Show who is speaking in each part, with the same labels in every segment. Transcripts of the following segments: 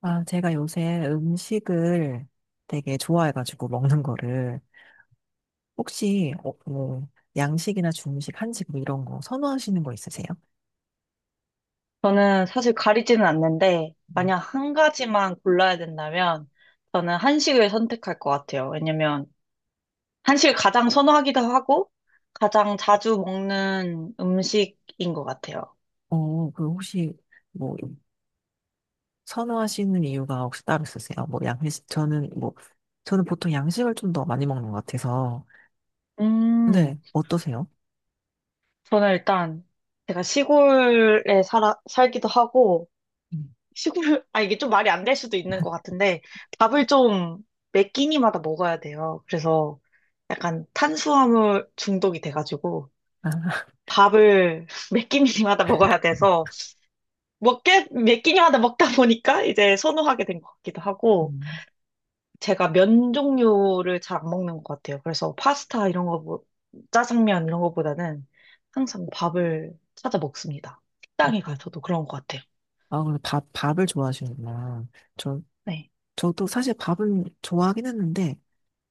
Speaker 1: 아, 제가 요새 음식을 되게 좋아해가지고 먹는 거를 혹시 뭐 양식이나 중식, 한식 뭐 이런 거 선호하시는 거 있으세요?
Speaker 2: 저는 사실 가리지는 않는데,
Speaker 1: 네.
Speaker 2: 만약 한 가지만 골라야 된다면, 저는 한식을 선택할 것 같아요. 왜냐면, 한식을 가장 선호하기도 하고, 가장 자주 먹는 음식인 것 같아요.
Speaker 1: 그 혹시 뭐 선호하시는 이유가 혹시 따로 있으세요? 뭐 양식 저는 보통 양식을 좀 더 많이 먹는 것 같아서
Speaker 2: 음,
Speaker 1: 근데 어떠세요?
Speaker 2: 저는 일단, 제가 시골에 살기도 하고,
Speaker 1: 음.
Speaker 2: 시골, 아, 이게 좀 말이 안 될 수도 있는 것 같은데, 밥을 좀 매 끼니마다 먹어야 돼요. 그래서 약간 탄수화물 중독이 돼가지고,
Speaker 1: 아,
Speaker 2: 밥을 몇 끼니마다 먹어야 돼서 먹게 몇 끼니마다 먹다 보니까 이제 선호하게 된 것 같기도 하고
Speaker 1: 음.
Speaker 2: 제가 면 종류를 잘 안 먹는 것 같아요. 그래서 파스타 이런 거 뭐, 짜장면 이런 거보다는 항상 밥을 찾아 먹습니다.
Speaker 1: 어,
Speaker 2: 식당에 가서도 그런 것 같아요.
Speaker 1: 아, 그럼 밥 밥을 좋아하시는구나. 저
Speaker 2: 네.
Speaker 1: 저도 사실 밥은 좋아하긴 했는데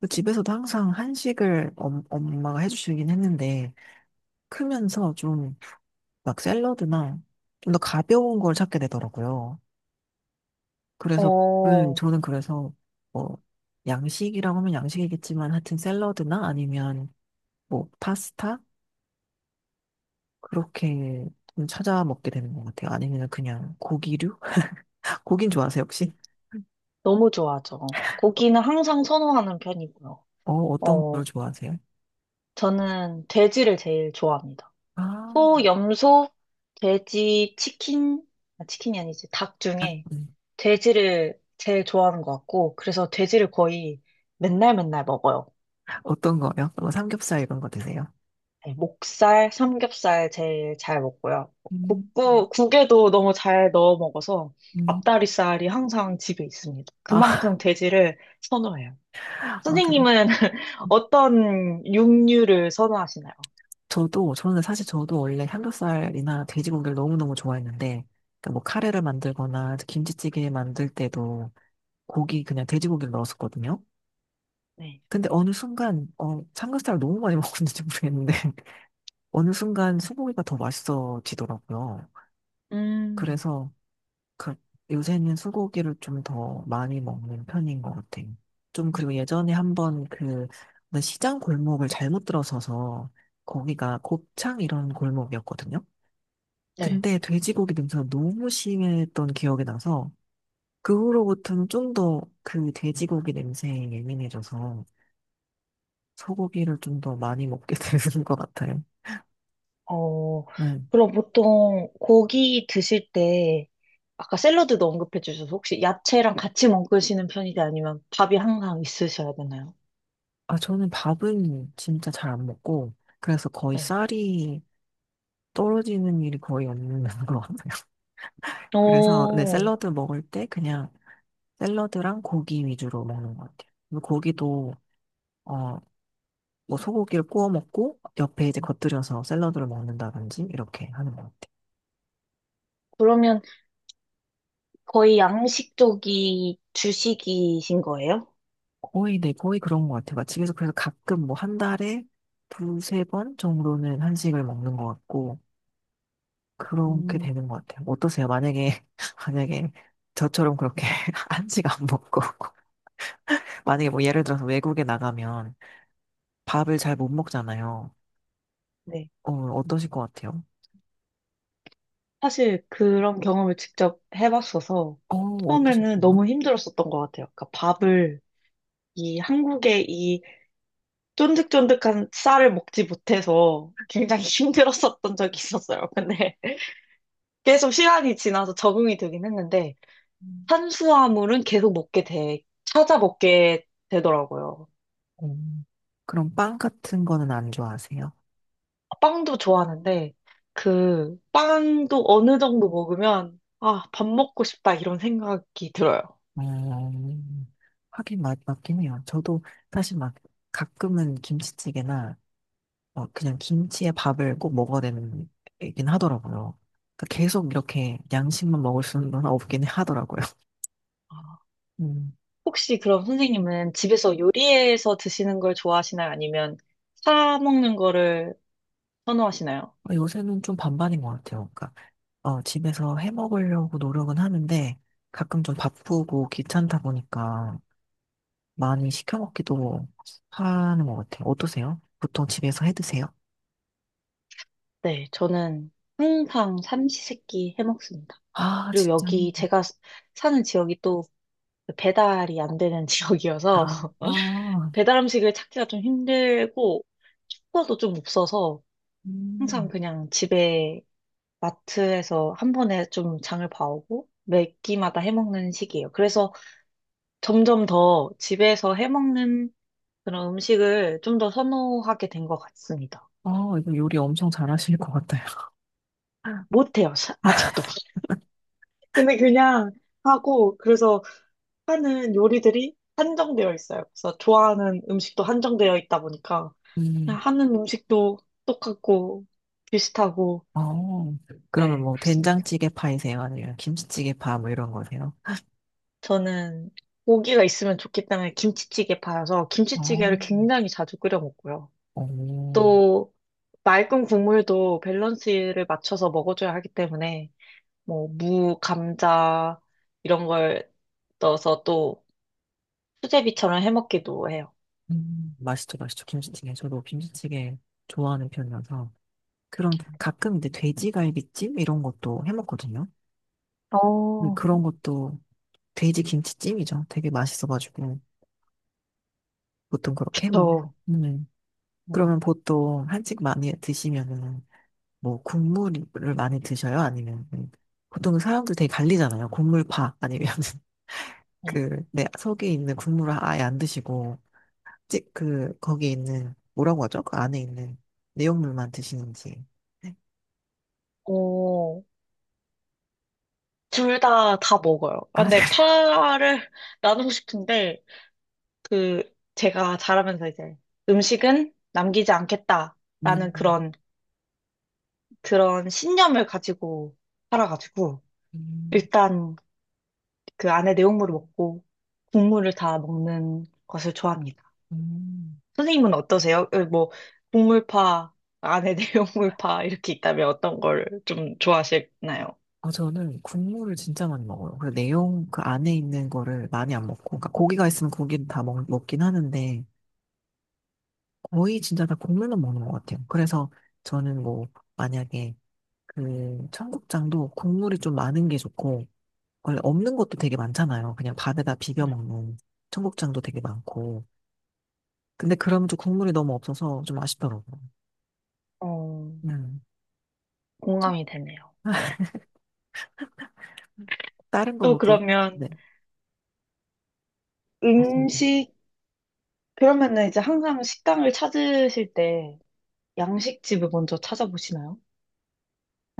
Speaker 1: 그 집에서도 항상 한식을 엄마가 해주시긴 했는데, 크면서 좀 막 샐러드나 좀 더 가벼운 걸 찾게 되더라고요. 그래서,
Speaker 2: 어,
Speaker 1: 저는 그래서 뭐, 양식이라고 하면 양식이겠지만, 하여튼 샐러드나 아니면 뭐, 파스타? 그렇게 좀 찾아 먹게 되는 것 같아요. 아니면 그냥 고기류? 고긴 좋아하세요, 혹시?
Speaker 2: 너무 좋아하죠. 고기는 항상 선호하는 편이고요.
Speaker 1: 어, 어떤 걸
Speaker 2: 어,
Speaker 1: 좋아하세요?
Speaker 2: 저는 돼지를 제일 좋아합니다.
Speaker 1: 아,
Speaker 2: 소, 염소, 돼지, 치킨, 아, 치킨이 아니지, 닭 중에
Speaker 1: 음.
Speaker 2: 돼지를 제일 좋아하는 것 같고, 그래서 돼지를 거의 맨날 맨날 먹어요.
Speaker 1: 어떤 거요? 뭐 삼겹살 이런 거 드세요?
Speaker 2: 네, 목살, 삼겹살 제일 잘 먹고요.
Speaker 1: 음,
Speaker 2: 국에도 너무 잘 넣어 먹어서
Speaker 1: 음.
Speaker 2: 앞다리살이 항상 집에 있습니다.
Speaker 1: 아,
Speaker 2: 그만큼 돼지를 선호해요.
Speaker 1: 아, 그래.
Speaker 2: 선생님은 어떤 육류를 선호하시나요?
Speaker 1: 저는 사실 저도 원래 삼겹살이나 돼지고기를 너무너무 좋아했는데, 그러니까 뭐 카레를 만들거나 김치찌개 만들 때도 그냥 돼지고기를 넣었었거든요.
Speaker 2: 네.
Speaker 1: 근데 어느 순간, 삼겹살을 너무 많이 먹었는지 모르겠는데, 어느 순간 소고기가 더 맛있어지더라고요.
Speaker 2: 음,
Speaker 1: 그래서 그, 요새는 소고기를 좀 더 많이 먹는 편인 것 같아요. 좀 그리고 예전에 한번 시장 골목을 잘못 들어서서 거기가 곱창 이런 골목이었거든요.
Speaker 2: 네.
Speaker 1: 근데 돼지고기 냄새가 너무 심했던 기억이 나서 그 후로부터는 좀 더 그 돼지고기 냄새에 예민해져서 소고기를 좀 더 많이 먹게 되는 것 같아요.
Speaker 2: 어,
Speaker 1: 네.
Speaker 2: 그럼 보통 고기 드실 때, 아까 샐러드도 언급해 주셔서 혹시 야채랑 같이 먹으시는 편이지 아니면 밥이 항상 있으셔야 되나요?
Speaker 1: 아, 저는 밥은 진짜 잘 안 먹고 그래서 거의
Speaker 2: 네.
Speaker 1: 쌀이 떨어지는 일이 거의 없는 것 같아요. 그래서 네,
Speaker 2: 어,
Speaker 1: 샐러드 먹을 때 그냥 샐러드랑 고기 위주로 먹는 것 같아요. 그리고 고기도 어, 뭐 소고기를 구워 먹고 옆에 이제 겉들여서 샐러드를 먹는다든지 이렇게 하는 거.
Speaker 2: 그러면 거의 양식 쪽이 주식이신 거예요?
Speaker 1: 거의, 네, 거의 그런 것 같아요. 집에서 그래서 가끔 뭐 한 달에 두세 번 정도는 한식을 먹는 것 같고, 그렇게
Speaker 2: 음,
Speaker 1: 되는 것 같아요. 어떠세요? 만약에, 만약에 저처럼 그렇게 한식 안 먹고, 만약에 뭐 예를 들어서 외국에 나가면 밥을 잘 못 먹잖아요.
Speaker 2: 네.
Speaker 1: 어, 어떠실 것 같아요?
Speaker 2: 사실 그런 경험을 직접 해봤어서
Speaker 1: 어,
Speaker 2: 처음에는
Speaker 1: 어떠셨나요?
Speaker 2: 너무 힘들었었던 것 같아요. 그러니까 밥을 이 한국의 이 쫀득쫀득한 쌀을 먹지 못해서 굉장히 힘들었었던 적이 있었어요. 근데 계속 시간이 지나서 적응이 되긴 했는데
Speaker 1: 음.
Speaker 2: 탄수화물은 계속 먹게 돼, 찾아 먹게 되더라고요.
Speaker 1: 어, 그럼 빵 같은 거는 안 좋아하세요?
Speaker 2: 빵도 좋아하는데 그 빵도 어느 정도 먹으면 아, 밥 먹고 싶다 이런 생각이 들어요.
Speaker 1: 음, 하긴 맞긴 해요. 저도 사실 막 가끔은 김치찌개나 막 그냥 김치에 밥을 꼭 먹어야 되는 얘긴 하더라고요. 그러니까 계속 이렇게 양식만 먹을 수는 없긴 하더라고요.
Speaker 2: 아,
Speaker 1: 음.
Speaker 2: 혹시 그럼 선생님은 집에서 요리해서 드시는 걸 좋아하시나요? 아니면 사 먹는 거를 선호하시나요?
Speaker 1: 어, 요새는 좀 반반인 것 같아요. 그러니까 집에서 해 먹으려고 노력은 하는데 가끔 좀 바쁘고 귀찮다 보니까 많이 시켜 먹기도 하는 것 같아요. 어떠세요? 보통 집에서 해 드세요?
Speaker 2: 네, 저는 항상 삼시세끼 해먹습니다.
Speaker 1: 아,
Speaker 2: 그리고
Speaker 1: 진짜.
Speaker 2: 여기 사는 지역이 또 배달이 안 되는 지역이어서
Speaker 1: 아, 아,
Speaker 2: 배달 음식을 찾기가 좀 힘들고 숙소도 좀 없어서 항상
Speaker 1: 음.
Speaker 2: 그냥 집에 마트에서 한 번에 좀 장을 봐오고 매 끼마다 해먹는 식이에요. 그래서 점점 더 집에서 해먹는 그런 음식을 좀 더 선호하게 된 것 같습니다.
Speaker 1: 어, 이거 요리 엄청 잘하실 것 같아요.
Speaker 2: 못해요, 아직도. 근데 그냥 하고, 그래서 하는 요리들이 한정되어 있어요. 그래서 좋아하는 음식도 한정되어 있다 보니까
Speaker 1: 음.
Speaker 2: 그냥 하는 음식도 똑같고 비슷하고
Speaker 1: 어, 그러면
Speaker 2: 네,
Speaker 1: 뭐
Speaker 2: 그렇습니다.
Speaker 1: 된장찌개 파이세요? 아니면 김치찌개 파 뭐 이런 거세요?
Speaker 2: 저는 고기가 있으면 좋기 때문에 김치찌개 팔아서
Speaker 1: 어,
Speaker 2: 김치찌개를 굉장히 자주 끓여 먹고요.
Speaker 1: 오
Speaker 2: 또 맑은 국물도 밸런스를 맞춰서 먹어줘야 하기 때문에 뭐 무, 감자 이런 걸 넣어서 또 수제비처럼 해먹기도 해요.
Speaker 1: 맛있죠, 맛있죠. 김치찌개. 저도 김치찌개 좋아하는 편이라서. 그런 가끔 이제 돼지갈비찜 이런 것도 해 먹거든요. 근데
Speaker 2: 어,
Speaker 1: 그런 것도 돼지 김치찜이죠. 되게 맛있어가지고 보통 그렇게 해 먹어요.
Speaker 2: 저
Speaker 1: 음. 그러면 보통 한식 많이 드시면은 뭐 국물을 많이 드셔요? 아니면 보통 사람들 되게 갈리잖아요. 국물파 아니면
Speaker 2: 네.
Speaker 1: 내 속에 있는 국물을 아예 안 드시고, 거기에 있는, 뭐라고 하죠? 그 안에 있는 내용물만 드시는지. 네.
Speaker 2: 어, 둘 다 먹어요. 아,
Speaker 1: 아,
Speaker 2: 근데
Speaker 1: 그래요?
Speaker 2: 파를 나누고 싶은데, 그, 제가 자라면서 이제 음식은 남기지 않겠다라는
Speaker 1: 음,
Speaker 2: 그런, 그런 신념을 가지고 살아가지고,
Speaker 1: 음,
Speaker 2: 일단 그 안에 내용물을 먹고, 국물을 다 먹는 것을 좋아합니다.
Speaker 1: 음.
Speaker 2: 선생님은 어떠세요? 어, 뭐, 국물파, 안에 내용물파 이렇게 있다면 어떤 걸 좀 좋아하시나요?
Speaker 1: 아, 저는 국물을 진짜 많이 먹어요. 그 안에 있는 거를 많이 안 먹고, 그러니까 고기가 있으면 먹긴 하는데, 거의 진짜 다 국물만 먹는 것 같아요. 그래서 저는 뭐, 만약에 그 청국장도 국물이 좀 많은 게 좋고, 원래 없는 것도 되게 많잖아요. 그냥 밥에다 비벼
Speaker 2: 네.
Speaker 1: 먹는 청국장도 되게 많고. 근데 그러면 좀 국물이 너무 없어서 좀 아쉽더라고요.
Speaker 2: 어,
Speaker 1: 음.
Speaker 2: 공감이 되네요. 네.
Speaker 1: 다른 거
Speaker 2: 또
Speaker 1: 모두,
Speaker 2: 그러면,
Speaker 1: 네. 맞습니다.
Speaker 2: 음식, 그러면은 이제 항상 식당을 찾으실 때 양식집을 먼저 찾아보시나요?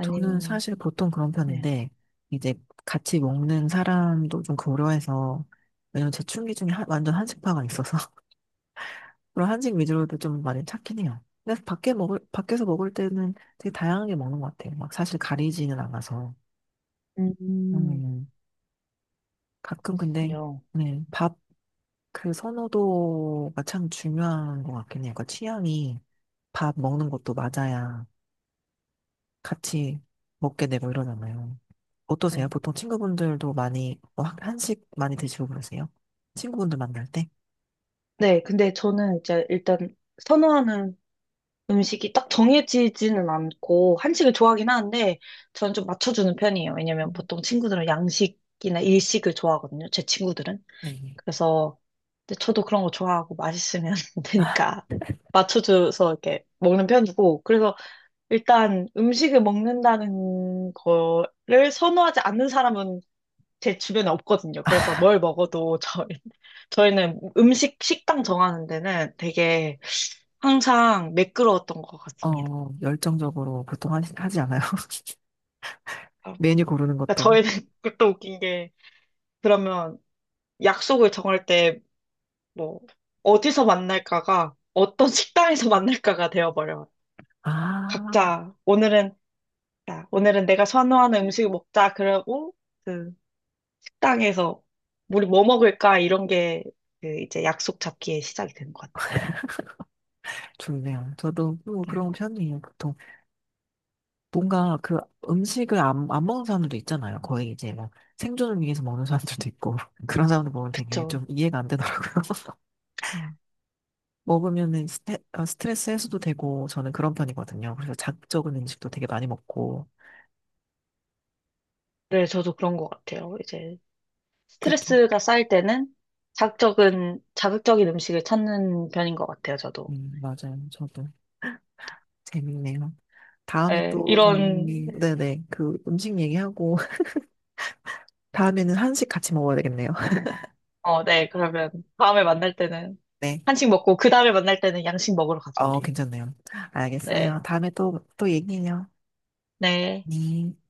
Speaker 1: 저는 사실 보통 그런
Speaker 2: 네.
Speaker 1: 편인데, 이제 같이 먹는 사람도 좀 고려해서, 왜냐면 제 충기 중에 완전 한식파가 있어서, 그런 한식 위주로도 좀 많이 찾긴 해요. 근데 밖에서 먹을 때는 되게 다양하게 먹는 것 같아요. 막 사실 가리지는 않아서.
Speaker 2: 음,
Speaker 1: 음, 가끔 근데,
Speaker 2: 요.
Speaker 1: 네, 밥, 그 선호도가 참 중요한 것 같긴 해요. 그 취향이 밥 먹는 것도 맞아야 같이 먹게 되고 이러잖아요. 어떠세요?
Speaker 2: 네.
Speaker 1: 보통 친구분들도 많이 한식 많이 드시고 그러세요? 친구분들 만날 때?
Speaker 2: 네, 근데 저는 이제 일단 선호하는 음식이 딱 정해지지는 않고 한식을 좋아하긴 하는데 저는 좀 맞춰주는 편이에요. 왜냐면
Speaker 1: 음.
Speaker 2: 보통 친구들은 양식이나 일식을 좋아하거든요. 제 친구들은.
Speaker 1: 네.
Speaker 2: 그래서 근데 저도 그런 거 좋아하고 맛있으면 되니까 맞춰줘서 이렇게 먹는 편이고 그래서 일단 음식을 먹는다는 거를 선호하지 않는 사람은 제 주변에 없거든요. 그래서
Speaker 1: 아,
Speaker 2: 뭘 먹어도 저희, 저희는 음식 식당 정하는 데는 되게 항상 매끄러웠던 것 같습니다.
Speaker 1: 어, 열정적으로 보통 한식 하지 않아요?
Speaker 2: 아,
Speaker 1: 메뉴 고르는
Speaker 2: 그러니까
Speaker 1: 것도.
Speaker 2: 저희는 또 웃긴 게 그러면 약속을 정할 때 뭐 어디서 만날까가 어떤 식당에서 만날까가 되어버려요.
Speaker 1: 아,
Speaker 2: 각자 오늘은 야, 오늘은 내가 선호하는 음식을 먹자 그러고 그 식당에서 우리 뭐 먹을까 이런 게 그 이제 약속 잡기에 시작이 되는 것 같아요.
Speaker 1: 좋네요. 저도 뭐
Speaker 2: 네.
Speaker 1: 그런 편이에요, 보통. 뭔가 그 음식을 안, 안 먹는 사람들도 있잖아요. 거의 이제 막 생존을 위해서 먹는 사람들도 있고. 그런 사람들 보면 되게
Speaker 2: 그쵸.
Speaker 1: 좀 이해가 안 되더라고요.
Speaker 2: 음.
Speaker 1: 먹으면은 스트레스 해소도 되고, 저는 그런 편이거든요. 그래서 자극적인 음식도 되게 많이 먹고.
Speaker 2: 네, 저도 그런 것 같아요. 이제
Speaker 1: 그렇죠.
Speaker 2: 스트레스가 쌓일 때는 자극적인 음식을 찾는 편인 것 같아요. 저도.
Speaker 1: 맞아요. 저도. 재밌네요. 다음에
Speaker 2: 네,
Speaker 1: 또
Speaker 2: 이런
Speaker 1: 저는, 네네. 그 음식 얘기하고, 다음에는 한식 같이 먹어야 되겠네요.
Speaker 2: 네, 그러면 다음에 만날 때는
Speaker 1: 네.
Speaker 2: 한식 먹고 그 다음에 만날 때는 양식 먹으러 가죠,
Speaker 1: 어,
Speaker 2: 우리.
Speaker 1: 괜찮네요.
Speaker 2: 네,
Speaker 1: 알겠어요. 다음에 또, 또 얘기해요.
Speaker 2: 네.
Speaker 1: 네.